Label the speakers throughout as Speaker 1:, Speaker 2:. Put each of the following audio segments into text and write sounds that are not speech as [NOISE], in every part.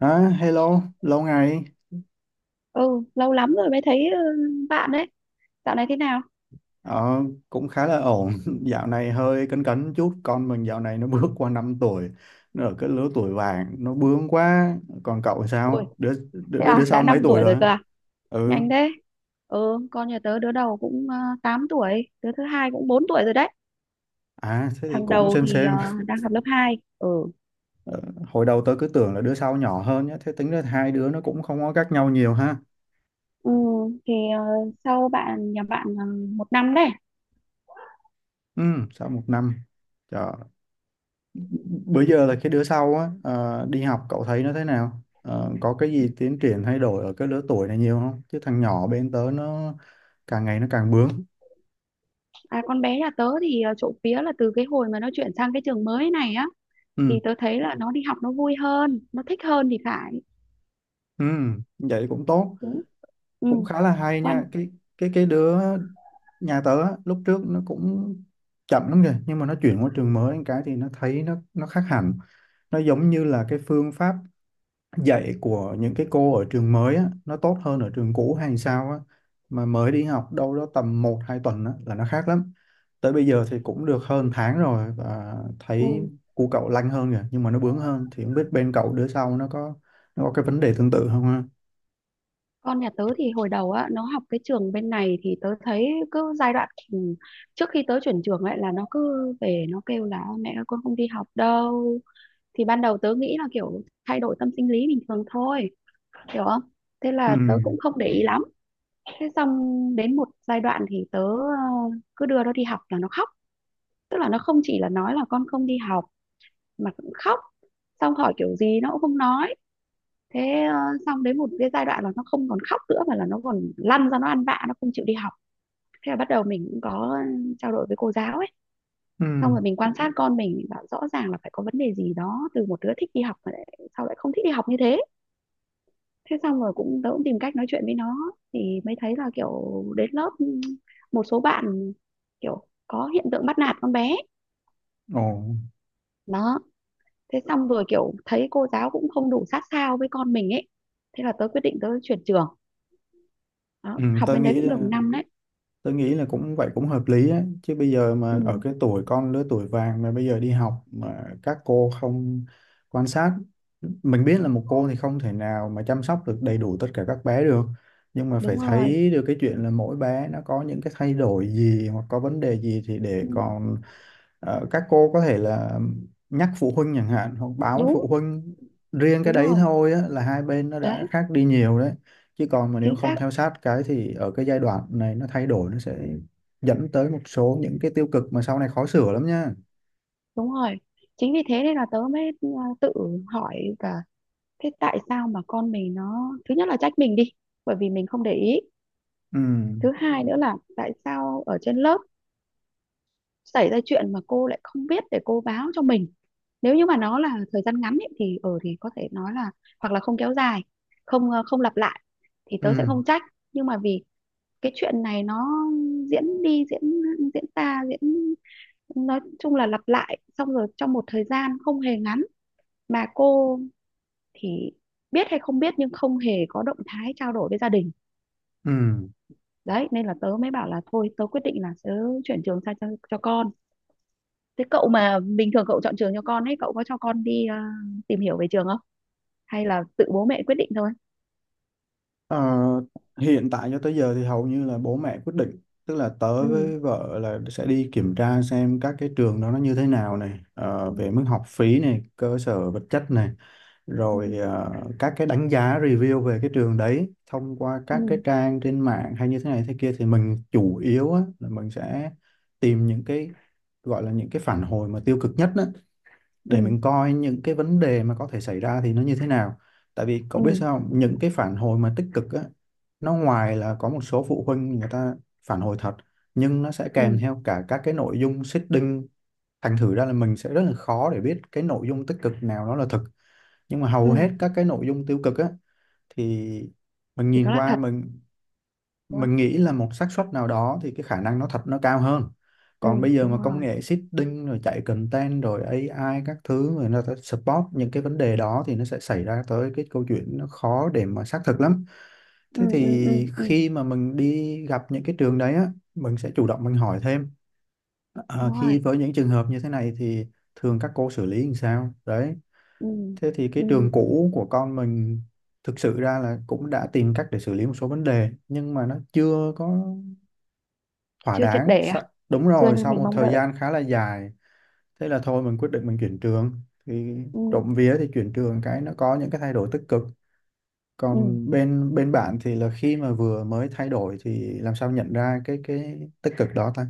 Speaker 1: À, hello, lâu ngày.
Speaker 2: Ừ, lâu lắm rồi mới thấy bạn đấy. Dạo này thế nào?
Speaker 1: Ờ, cũng khá là ổn. [LAUGHS] Dạo này hơi cấn cấn chút. Con mình dạo này nó bước qua 5 tuổi. Nó ở cái lứa tuổi vàng. Nó bướng quá. Còn cậu
Speaker 2: Ôi,
Speaker 1: sao? Đứa, đứa,
Speaker 2: thế
Speaker 1: đứa, đứa
Speaker 2: à, đã
Speaker 1: sau
Speaker 2: 5
Speaker 1: mấy tuổi
Speaker 2: tuổi rồi
Speaker 1: rồi?
Speaker 2: cơ à? Nhanh
Speaker 1: Ừ.
Speaker 2: thế. Ừ, con nhà tớ đứa đầu cũng 8 tuổi, đứa thứ hai cũng 4 tuổi rồi đấy.
Speaker 1: À, thế thì
Speaker 2: Thằng
Speaker 1: cũng
Speaker 2: đầu
Speaker 1: xem
Speaker 2: thì
Speaker 1: xem.
Speaker 2: đang học lớp 2. Ừ.
Speaker 1: Ờ, hồi đầu tớ cứ tưởng là đứa sau nhỏ hơn nhá. Thế tính ra hai đứa nó cũng không có cách nhau nhiều ha.
Speaker 2: Ừ, thì ờ, sau bạn, nhà bạn một năm đấy.
Speaker 1: Ừ, sau một năm. Trời. Bữa giờ là cái đứa sau á, đi học cậu thấy nó thế nào? Ờ, có cái gì tiến triển thay đổi ở cái lứa tuổi này nhiều không, chứ thằng nhỏ bên tớ nó càng ngày nó càng bướng.
Speaker 2: À, con bé nhà tớ thì trộm vía là từ cái hồi mà nó chuyển sang cái trường mới này á,
Speaker 1: Ừ.
Speaker 2: thì tớ thấy là nó đi học nó vui hơn, nó thích hơn thì phải.
Speaker 1: Ừ. Vậy cũng tốt.
Speaker 2: Đúng. Ừ.
Speaker 1: Cũng khá là hay
Speaker 2: Quan.
Speaker 1: nha. Cái đứa nhà tớ á, lúc trước nó cũng chậm lắm kìa, nhưng mà nó chuyển qua trường mới cái thì nó thấy nó khác hẳn. Nó giống như là cái phương pháp dạy của những cái cô ở trường mới á, nó tốt hơn ở trường cũ hay sao á. Mà mới đi học đâu đó tầm một 2 tuần á, là nó khác lắm. Tới bây giờ thì cũng được hơn tháng rồi và thấy
Speaker 2: Ừ,
Speaker 1: cu cậu lanh hơn rồi, nhưng mà nó bướng hơn. Thì không biết bên cậu đứa sau nó có cái vấn đề tương tự không ha.
Speaker 2: con nhà tớ thì hồi đầu á, nó học cái trường bên này thì tớ thấy cứ giai đoạn trước khi tớ chuyển trường ấy, là nó cứ về nó kêu là: mẹ ơi con không đi học đâu. Thì ban đầu tớ nghĩ là kiểu thay đổi tâm sinh lý bình thường thôi. Hiểu không? Thế
Speaker 1: Ừ.
Speaker 2: là tớ cũng không để ý lắm. Thế xong, đến một giai đoạn thì tớ cứ đưa nó đi học là nó khóc. Tức là nó không chỉ là nói là con không đi học mà cũng khóc. Xong hỏi kiểu gì nó cũng không nói. Thế xong đến một cái giai đoạn là nó không còn khóc nữa, mà là nó còn lăn ra nó ăn vạ, nó không chịu đi học. Thế là bắt đầu mình cũng có trao đổi với cô giáo ấy.
Speaker 1: Ừ.
Speaker 2: Xong rồi mình quan sát con mình bảo rõ ràng là phải có vấn đề gì đó, từ một đứa thích đi học mà lại, sao lại không thích đi học như thế. Thế xong rồi cũng, tớ cũng tìm cách nói chuyện với nó, thì mới thấy là kiểu đến lớp, một số bạn kiểu có hiện tượng bắt nạt con bé.
Speaker 1: Ồ.
Speaker 2: Đó. Thế xong rồi kiểu thấy cô giáo cũng không đủ sát sao với con mình ấy, thế là tớ quyết định tớ chuyển trường. Đó,
Speaker 1: Ừ,
Speaker 2: học bên đấy cũng được một năm đấy.
Speaker 1: Tôi nghĩ là cũng vậy, cũng hợp lý á. Chứ bây giờ mà ở
Speaker 2: Ừ,
Speaker 1: cái tuổi con, lứa tuổi vàng, mà bây giờ đi học mà các cô không quan sát, mình biết là một cô thì không thể nào mà chăm sóc được đầy đủ tất cả các bé được, nhưng mà phải
Speaker 2: đúng rồi.
Speaker 1: thấy được cái chuyện là mỗi bé nó có những cái thay đổi gì hoặc có vấn đề gì thì để
Speaker 2: Ừ,
Speaker 1: còn các cô có thể là nhắc phụ huynh chẳng hạn, hoặc báo với phụ
Speaker 2: đúng,
Speaker 1: huynh. Riêng cái
Speaker 2: đúng
Speaker 1: đấy
Speaker 2: rồi.
Speaker 1: thôi á, là hai bên nó
Speaker 2: Đấy,
Speaker 1: đã khác đi nhiều đấy. Chứ còn mà nếu
Speaker 2: chính
Speaker 1: không
Speaker 2: xác,
Speaker 1: theo sát cái thì ở cái giai đoạn này nó thay đổi, nó sẽ dẫn tới một số những cái tiêu cực mà sau này khó sửa lắm nha.
Speaker 2: đúng rồi. Chính vì thế nên là tớ mới tự hỏi cả, thế tại sao mà con mình nó, thứ nhất là trách mình đi, bởi vì mình không để ý.
Speaker 1: ừ
Speaker 2: Thứ hai nữa là tại sao ở trên lớp xảy ra chuyện mà cô lại không biết để cô báo cho mình. Nếu như mà nó là thời gian ngắn ấy, thì ở thì có thể nói là hoặc là không kéo dài, không không lặp lại, thì tớ sẽ
Speaker 1: ừ
Speaker 2: không trách, nhưng mà vì cái chuyện này nó diễn đi diễn, diễn ra diễn, nói chung là lặp lại, xong rồi trong một thời gian không hề ngắn, mà cô thì biết hay không biết nhưng không hề có động thái trao đổi với gia đình.
Speaker 1: ừ
Speaker 2: Đấy, nên là tớ mới bảo là thôi tớ quyết định là tớ chuyển trường sang cho con. Thế cậu mà bình thường cậu chọn trường cho con ấy, cậu có cho con đi tìm hiểu về trường không, hay là tự bố mẹ quyết định thôi?
Speaker 1: Ờ, hiện tại cho tới giờ thì hầu như là bố mẹ quyết định, tức là tớ
Speaker 2: Ừ.
Speaker 1: với vợ là sẽ đi kiểm tra xem các cái trường đó nó như thế nào này,
Speaker 2: Ừ.
Speaker 1: về mức học phí này, cơ sở vật chất này,
Speaker 2: Ừ.
Speaker 1: rồi các cái đánh giá review về cái trường đấy thông qua các cái
Speaker 2: Ừ.
Speaker 1: trang trên mạng hay như thế này thế kia. Thì mình chủ yếu á, là mình sẽ tìm những cái gọi là những cái phản hồi mà tiêu cực nhất á, để
Speaker 2: Ừ.
Speaker 1: mình coi những cái vấn đề mà có thể xảy ra thì nó như thế nào. Tại vì cậu
Speaker 2: Ừ.
Speaker 1: biết sao không? Những cái phản hồi mà tích cực á, nó ngoài là có một số phụ huynh người ta phản hồi thật, nhưng nó sẽ
Speaker 2: Ừ.
Speaker 1: kèm theo cả các cái nội dung seeding đinh. Thành thử ra là mình sẽ rất là khó để biết cái nội dung tích cực nào nó là thực. Nhưng mà hầu hết
Speaker 2: Ừ.
Speaker 1: các cái nội dung tiêu cực á, thì mình
Speaker 2: Thì đó
Speaker 1: nhìn
Speaker 2: là
Speaker 1: qua
Speaker 2: thật.
Speaker 1: mình
Speaker 2: Đúng không?
Speaker 1: mình nghĩ là một xác suất nào đó thì cái khả năng nó thật nó cao hơn. Còn
Speaker 2: Ừ.
Speaker 1: bây giờ
Speaker 2: Đúng
Speaker 1: mà công
Speaker 2: rồi.
Speaker 1: nghệ seeding rồi chạy content rồi AI các thứ, rồi nó sẽ support những cái vấn đề đó, thì nó sẽ xảy ra tới cái câu chuyện nó khó để mà xác thực lắm.
Speaker 2: Ừ.
Speaker 1: Thế
Speaker 2: Ừ. Ừ.
Speaker 1: thì
Speaker 2: Ừ.
Speaker 1: khi mà mình đi gặp những cái trường đấy á, mình sẽ chủ động mình hỏi thêm.
Speaker 2: Đúng
Speaker 1: Khi
Speaker 2: rồi.
Speaker 1: với những trường hợp như thế này thì thường các cô xử lý làm sao đấy.
Speaker 2: Ừ.
Speaker 1: Thế thì cái
Speaker 2: Ừ.
Speaker 1: trường cũ của con mình, thực sự ra là cũng đã tìm cách để xử lý một số vấn đề, nhưng mà nó chưa có thỏa
Speaker 2: Chưa triệt
Speaker 1: đáng.
Speaker 2: để à?
Speaker 1: Sa- đúng
Speaker 2: Chưa
Speaker 1: rồi,
Speaker 2: như
Speaker 1: sau
Speaker 2: mình
Speaker 1: một
Speaker 2: mong
Speaker 1: thời
Speaker 2: đợi.
Speaker 1: gian khá là dài, thế là thôi mình quyết định mình chuyển trường. Thì
Speaker 2: Ừ.
Speaker 1: trộm vía thì chuyển trường cái nó có những cái thay đổi tích cực.
Speaker 2: Ừ.
Speaker 1: Còn bên bên bạn thì là khi mà vừa mới thay đổi thì làm sao nhận ra cái tích cực đó ta.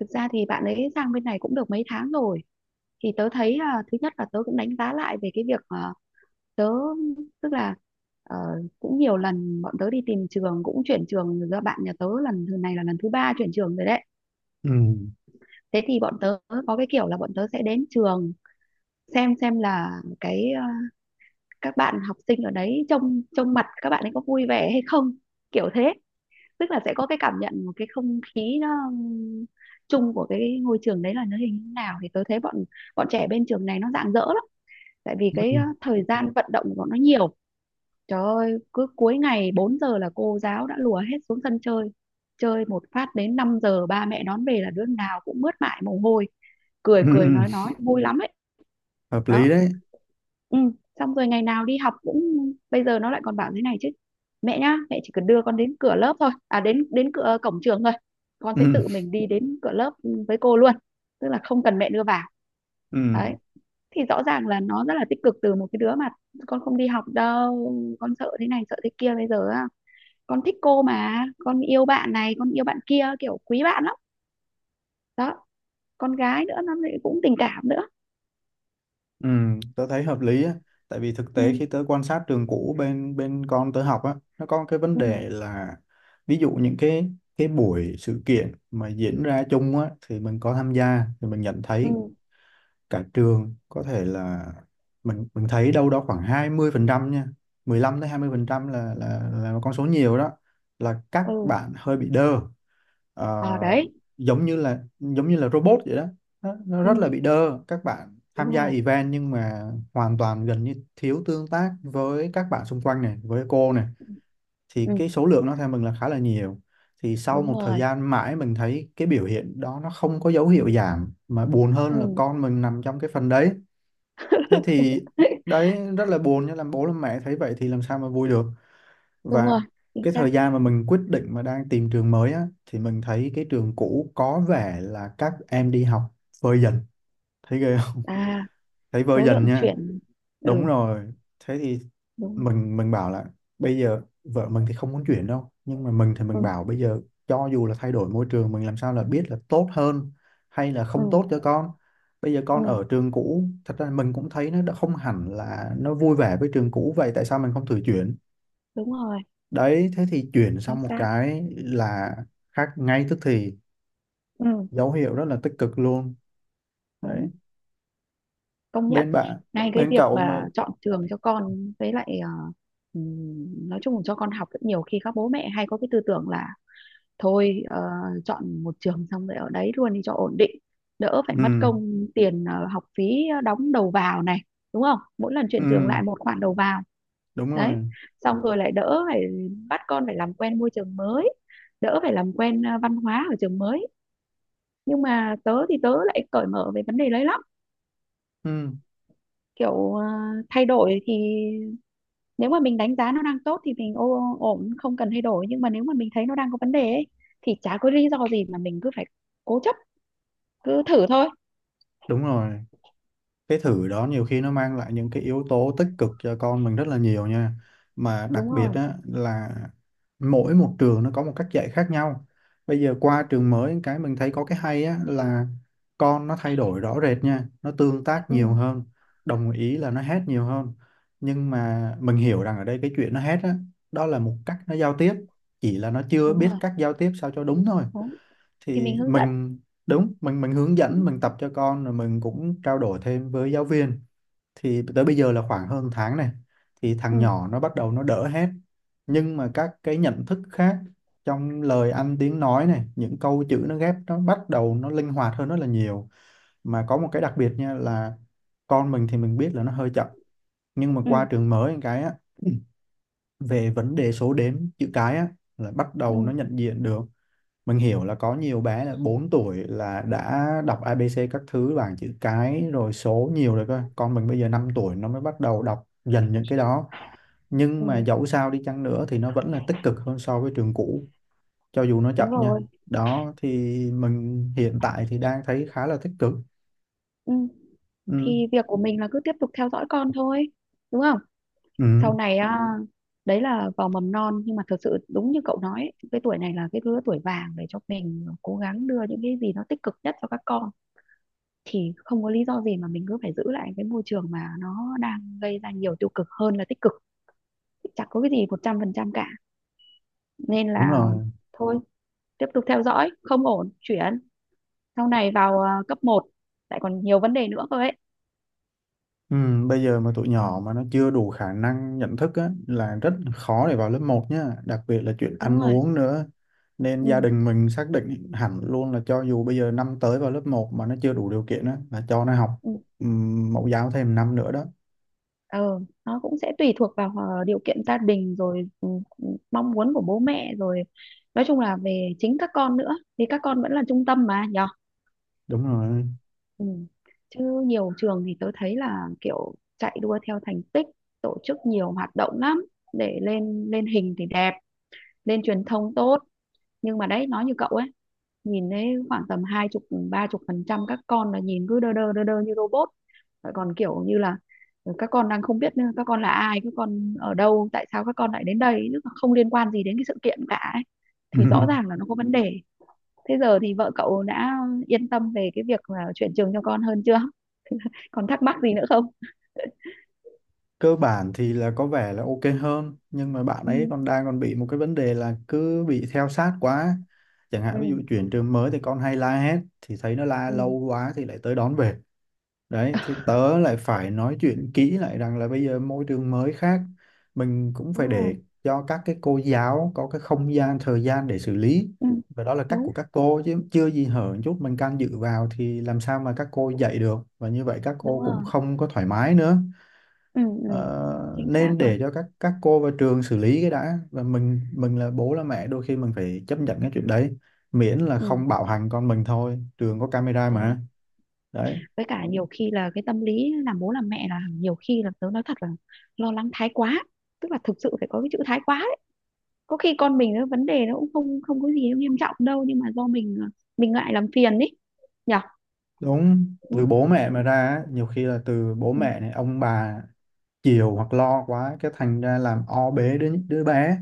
Speaker 2: Thực ra thì bạn ấy sang bên này cũng được mấy tháng rồi, thì tớ thấy, thứ nhất là tớ cũng đánh giá lại về cái việc, tớ tức là ờ, cũng nhiều lần bọn tớ đi tìm trường cũng chuyển trường rồi, do bạn nhà tớ lần thứ này là lần thứ ba chuyển trường rồi đấy.
Speaker 1: Ừ.
Speaker 2: Thế thì bọn tớ có cái kiểu là bọn tớ sẽ đến trường, xem là cái, các bạn học sinh ở đấy, trông trông mặt các bạn ấy có vui vẻ hay không, kiểu thế. Tức là sẽ có cái cảm nhận một cái không khí nó chung của cái ngôi trường đấy là nó hình như nào, thì tôi thấy bọn bọn trẻ bên trường này nó rạng rỡ lắm. Tại vì cái thời gian vận động của bọn nó nhiều. Trời ơi, cứ cuối ngày 4 giờ là cô giáo đã lùa hết xuống sân chơi, chơi một phát đến 5 giờ ba mẹ đón về là đứa nào cũng mướt mải mồ hôi, cười cười
Speaker 1: [LAUGHS]
Speaker 2: nói vui lắm ấy.
Speaker 1: Hợp
Speaker 2: Đó.
Speaker 1: lý đấy.
Speaker 2: Ừ. Xong rồi ngày nào đi học cũng, bây giờ nó lại còn bảo thế này chứ: mẹ nhá, mẹ chỉ cần đưa con đến cửa lớp thôi, à, đến đến cửa cổng trường thôi, con
Speaker 1: [LAUGHS]
Speaker 2: sẽ
Speaker 1: Ừ.
Speaker 2: tự mình đi đến cửa lớp với cô luôn, tức là không cần mẹ đưa vào. Đấy,
Speaker 1: Ừ.
Speaker 2: thì rõ ràng là nó rất là tích cực, từ một cái đứa mà con không đi học đâu, con sợ thế này sợ thế kia, bây giờ á, con thích cô mà, con yêu bạn này con yêu bạn kia, kiểu quý bạn lắm. Đó. Con gái nữa nó lại cũng tình cảm nữa.
Speaker 1: Ừ, tớ thấy hợp lý á, tại vì thực
Speaker 2: Ừ.
Speaker 1: tế khi tớ quan sát trường cũ bên bên con tớ học á, nó có cái vấn
Speaker 2: Ừ.
Speaker 1: đề là ví dụ những cái buổi sự kiện mà diễn ra chung á, thì mình có tham gia thì mình nhận
Speaker 2: Ừ.
Speaker 1: thấy cả trường có thể là mình thấy đâu đó khoảng 20% nha, 15 tới 20% là một con số nhiều đó, là các
Speaker 2: Ừ.
Speaker 1: bạn hơi bị đơ.
Speaker 2: ờ
Speaker 1: Ờ,
Speaker 2: Đấy.
Speaker 1: giống như là robot vậy đó. Nó
Speaker 2: Ừ.
Speaker 1: rất là bị đơ, các bạn tham
Speaker 2: Đúng
Speaker 1: gia
Speaker 2: rồi.
Speaker 1: event nhưng mà hoàn toàn gần như thiếu tương tác với các bạn xung quanh này, với cô này. Thì
Speaker 2: Ừ.
Speaker 1: cái số lượng nó theo mình là khá là nhiều. Thì sau
Speaker 2: Đúng
Speaker 1: một thời
Speaker 2: rồi.
Speaker 1: gian mãi mình thấy cái biểu hiện đó nó không có dấu hiệu giảm, mà buồn hơn là
Speaker 2: Ừ.
Speaker 1: con mình nằm trong cái phần đấy. Thế thì
Speaker 2: [LAUGHS]
Speaker 1: đấy, rất là buồn, nhưng làm bố làm mẹ thấy vậy thì làm sao mà vui được.
Speaker 2: Đúng
Speaker 1: Và
Speaker 2: rồi. Chính
Speaker 1: cái
Speaker 2: xác.
Speaker 1: thời gian mà mình quyết định mà đang tìm trường mới á, thì mình thấy cái trường cũ có vẻ là các em đi học vơi dần. Thấy ghê không?
Speaker 2: À,
Speaker 1: [LAUGHS] Thấy vơi
Speaker 2: số
Speaker 1: dần
Speaker 2: lượng
Speaker 1: nha.
Speaker 2: chuyển.
Speaker 1: Đúng
Speaker 2: Ừ.
Speaker 1: rồi. Thế thì
Speaker 2: Đúng rồi.
Speaker 1: mình bảo là bây giờ vợ mình thì không muốn chuyển đâu, nhưng mà mình thì
Speaker 2: Ừ.
Speaker 1: mình bảo bây giờ cho dù là thay đổi môi trường, mình làm sao là biết là tốt hơn hay là
Speaker 2: Ừ.
Speaker 1: không tốt cho con. Bây giờ con
Speaker 2: Ừ.
Speaker 1: ở trường cũ thật ra mình cũng thấy nó đã không hẳn là nó vui vẻ với trường cũ, vậy tại sao mình không thử chuyển?
Speaker 2: Đúng rồi.
Speaker 1: Đấy, thế thì chuyển
Speaker 2: Chính
Speaker 1: sang một
Speaker 2: xác.
Speaker 1: cái là khác ngay tức thì,
Speaker 2: Ừ.
Speaker 1: dấu hiệu rất là tích cực luôn.
Speaker 2: Đúng.
Speaker 1: Đấy,
Speaker 2: Công nhận.
Speaker 1: bên bạn,
Speaker 2: Ngay cái
Speaker 1: bên
Speaker 2: việc
Speaker 1: cậu mà.
Speaker 2: mà chọn trường cho con với lại nói chung là cho con học, rất nhiều khi các bố mẹ hay có cái tư tưởng là thôi, chọn một trường xong rồi ở đấy luôn đi cho ổn định, đỡ phải mất
Speaker 1: Ừ.
Speaker 2: công tiền, học phí đóng đầu vào này, đúng không, mỗi lần chuyển trường
Speaker 1: Ừ.
Speaker 2: lại một khoản đầu vào.
Speaker 1: Đúng
Speaker 2: Đấy,
Speaker 1: rồi.
Speaker 2: xong rồi lại đỡ phải bắt con phải làm quen môi trường mới, đỡ phải làm quen, văn hóa ở trường mới. Nhưng mà tớ thì tớ lại cởi mở về vấn đề đấy lắm.
Speaker 1: Ừ.
Speaker 2: Kiểu, thay đổi thì, nếu mà mình đánh giá nó đang tốt thì mình ổn, không cần thay đổi, nhưng mà nếu mà mình thấy nó đang có vấn đề ấy, thì chả có lý do gì mà mình cứ phải cố chấp, cứ thử thôi.
Speaker 1: Đúng rồi. Cái thử đó nhiều khi nó mang lại những cái yếu tố tích cực cho con mình rất là nhiều nha. Mà đặc
Speaker 2: Đúng
Speaker 1: biệt
Speaker 2: rồi.
Speaker 1: á, là mỗi một trường nó có một cách dạy khác nhau. Bây giờ qua trường mới cái mình thấy có cái hay á, là con nó thay đổi rõ rệt nha, nó tương tác nhiều
Speaker 2: Ừ,
Speaker 1: hơn. Đồng ý là nó hét nhiều hơn, nhưng mà mình hiểu rằng ở đây cái chuyện nó hét á, đó là một cách nó giao tiếp, chỉ là nó chưa
Speaker 2: đúng
Speaker 1: biết
Speaker 2: rồi.
Speaker 1: cách giao tiếp sao cho đúng thôi.
Speaker 2: Đúng. Thì
Speaker 1: Thì
Speaker 2: mình hướng dẫn.
Speaker 1: mình đúng, mình hướng
Speaker 2: Ừ.
Speaker 1: dẫn, mình tập cho con, rồi mình cũng trao đổi thêm với giáo viên. Thì tới bây giờ là khoảng hơn tháng này thì thằng
Speaker 2: Ừ.
Speaker 1: nhỏ nó bắt đầu nó đỡ hết nhưng mà các cái nhận thức khác trong lời ăn tiếng nói này, những câu chữ nó ghép, nó bắt đầu nó linh hoạt hơn rất là nhiều. Mà có một cái đặc biệt nha, là con mình thì mình biết là nó hơi chậm, nhưng mà qua
Speaker 2: Ừ.
Speaker 1: trường mới một cái á, [CLEARS THROAT] về vấn đề số đếm, chữ cái á, là bắt đầu nó nhận diện được. Mình hiểu là có nhiều bé là 4 tuổi là đã đọc ABC các thứ, bảng chữ cái rồi, số nhiều rồi cơ. Con mình bây giờ 5 tuổi nó mới bắt đầu đọc dần những cái đó. Nhưng
Speaker 2: Ừ.
Speaker 1: mà dẫu sao đi chăng nữa thì nó vẫn là tích cực hơn so với trường cũ, cho dù nó chậm
Speaker 2: Đúng
Speaker 1: nha.
Speaker 2: rồi.
Speaker 1: Đó thì mình hiện tại thì đang thấy khá là tích cực.
Speaker 2: Ừ.
Speaker 1: Ừ,
Speaker 2: Thì việc của mình là cứ tiếp tục theo dõi con thôi, đúng không?
Speaker 1: ừ,
Speaker 2: Sau này. Ừ. À, đấy là vào mầm non, nhưng mà thật sự đúng như cậu nói ấy, cái tuổi này là cái lứa tuổi vàng để cho mình cố gắng đưa những cái gì nó tích cực nhất cho các con, thì không có lý do gì mà mình cứ phải giữ lại cái môi trường mà nó đang gây ra nhiều tiêu cực hơn là tích cực. Chẳng có cái gì 100% cả. Nên
Speaker 1: đúng
Speaker 2: là
Speaker 1: rồi.
Speaker 2: thôi, tiếp tục theo dõi không ổn chuyển. Sau này vào, cấp một lại còn nhiều vấn đề nữa cơ ấy.
Speaker 1: Ừ, bây giờ mà tụi
Speaker 2: Ừ,
Speaker 1: nhỏ mà nó chưa đủ khả năng nhận thức á, là rất khó để vào lớp một nhá, đặc biệt là chuyện
Speaker 2: đúng
Speaker 1: ăn
Speaker 2: rồi.
Speaker 1: uống nữa. Nên gia
Speaker 2: Ừ.
Speaker 1: đình mình xác định hẳn luôn là cho dù bây giờ năm tới vào lớp một mà nó chưa đủ điều kiện á, là cho nó học
Speaker 2: Ừ.
Speaker 1: mẫu giáo thêm năm nữa đó.
Speaker 2: ờ nó cũng sẽ tùy thuộc vào điều kiện gia đình rồi, ừ, ừ, mong muốn của bố mẹ rồi, nói chung là về chính các con nữa, thì các con vẫn là trung tâm mà nhở.
Speaker 1: Đúng rồi.
Speaker 2: Ừ. Chứ nhiều trường thì tớ thấy là kiểu chạy đua theo thành tích, tổ chức nhiều hoạt động lắm, để lên lên hình thì đẹp, lên truyền thông tốt, nhưng mà đấy, nói như cậu ấy, nhìn thấy khoảng tầm hai chục, ba chục phần trăm các con là nhìn cứ đơ đơ đơ đơ như robot. Lại còn kiểu như là, các con đang không biết các con là ai, các con ở đâu, tại sao các con lại đến đây, chứ không liên quan gì đến cái sự kiện cả ấy. Thì rõ
Speaker 1: [LAUGHS]
Speaker 2: ràng là nó có vấn đề. Thế giờ thì vợ cậu đã yên tâm về cái việc là chuyển trường cho con hơn chưa? Còn thắc mắc gì nữa không?
Speaker 1: Cơ bản thì là có vẻ là ok hơn, nhưng mà bạn ấy
Speaker 2: Ừ.
Speaker 1: còn đang còn bị một cái vấn đề là cứ bị theo sát quá. Chẳng
Speaker 2: Ừ.
Speaker 1: hạn ví dụ chuyển trường mới thì con hay la hét, thì thấy nó la lâu
Speaker 2: Ừ.
Speaker 1: quá thì lại tới đón về. Đấy, thì tớ lại phải nói chuyện kỹ lại rằng là bây giờ môi trường mới khác, mình cũng phải
Speaker 2: Đúng rồi.
Speaker 1: để cho các cái cô giáo có cái không gian, thời gian để xử lý.
Speaker 2: Ừ.
Speaker 1: Và đó là cách
Speaker 2: Đúng,
Speaker 1: của các cô, chứ chưa gì hở một chút mình can dự vào thì làm sao mà các cô dạy được, và như vậy các
Speaker 2: đúng
Speaker 1: cô cũng
Speaker 2: rồi.
Speaker 1: không có thoải mái nữa.
Speaker 2: Ừ. Ừ.
Speaker 1: Ờ,
Speaker 2: Chính xác
Speaker 1: nên
Speaker 2: rồi.
Speaker 1: để cho các cô và trường xử lý cái đã, và mình là bố là mẹ đôi khi mình phải chấp nhận cái chuyện đấy, miễn là
Speaker 2: Ừ.
Speaker 1: không bạo hành con mình thôi, trường có camera
Speaker 2: Đúng rồi.
Speaker 1: mà. Đấy.
Speaker 2: Với cả nhiều khi là cái tâm lý làm bố làm mẹ là, nhiều khi là tớ nói thật là lo lắng thái quá, tức là thực sự phải có cái chữ thái quá đấy. Có khi con mình nó vấn đề nó cũng không, không có gì nghiêm trọng đâu, nhưng mà do mình mình ngại làm phiền ấy, nhở.
Speaker 1: Đúng,
Speaker 2: Đúng
Speaker 1: từ
Speaker 2: không?
Speaker 1: bố mẹ mà ra á, nhiều khi là từ bố
Speaker 2: Ừ.
Speaker 1: mẹ này, ông bà chiều hoặc lo quá, cái thành ra làm o bế đứa đứa bé.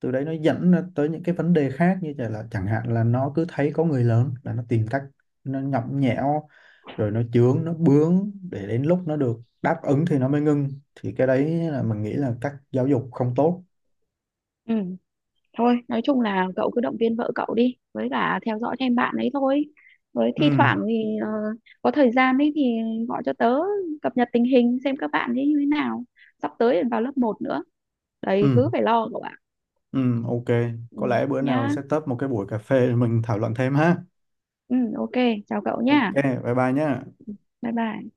Speaker 1: Từ đấy nó dẫn nó tới những cái vấn đề khác như vậy, là chẳng hạn là nó cứ thấy có người lớn là nó tìm cách nó nhõng nhẽo, rồi nó chướng nó bướng, để đến lúc nó được đáp ứng thì nó mới ngưng. Thì cái đấy là mình nghĩ là cách giáo dục không tốt.
Speaker 2: Ừ. Thôi, nói chung là cậu cứ động viên vợ cậu đi với cả theo dõi thêm bạn ấy thôi, với thi
Speaker 1: Ừ.
Speaker 2: thoảng thì có thời gian ấy thì gọi cho tớ, cập nhật tình hình xem các bạn ấy như thế nào, sắp tới vào lớp một nữa, đầy
Speaker 1: ừ
Speaker 2: thứ phải lo cậu ạ.
Speaker 1: ừ ok,
Speaker 2: Ừ.
Speaker 1: có lẽ bữa nào
Speaker 2: Nhá.
Speaker 1: sẽ tấp một cái buổi cà phê để mình thảo luận thêm ha.
Speaker 2: Ừ, ok, chào cậu
Speaker 1: Ok,
Speaker 2: nha.
Speaker 1: bye bye nhé.
Speaker 2: Bye bye.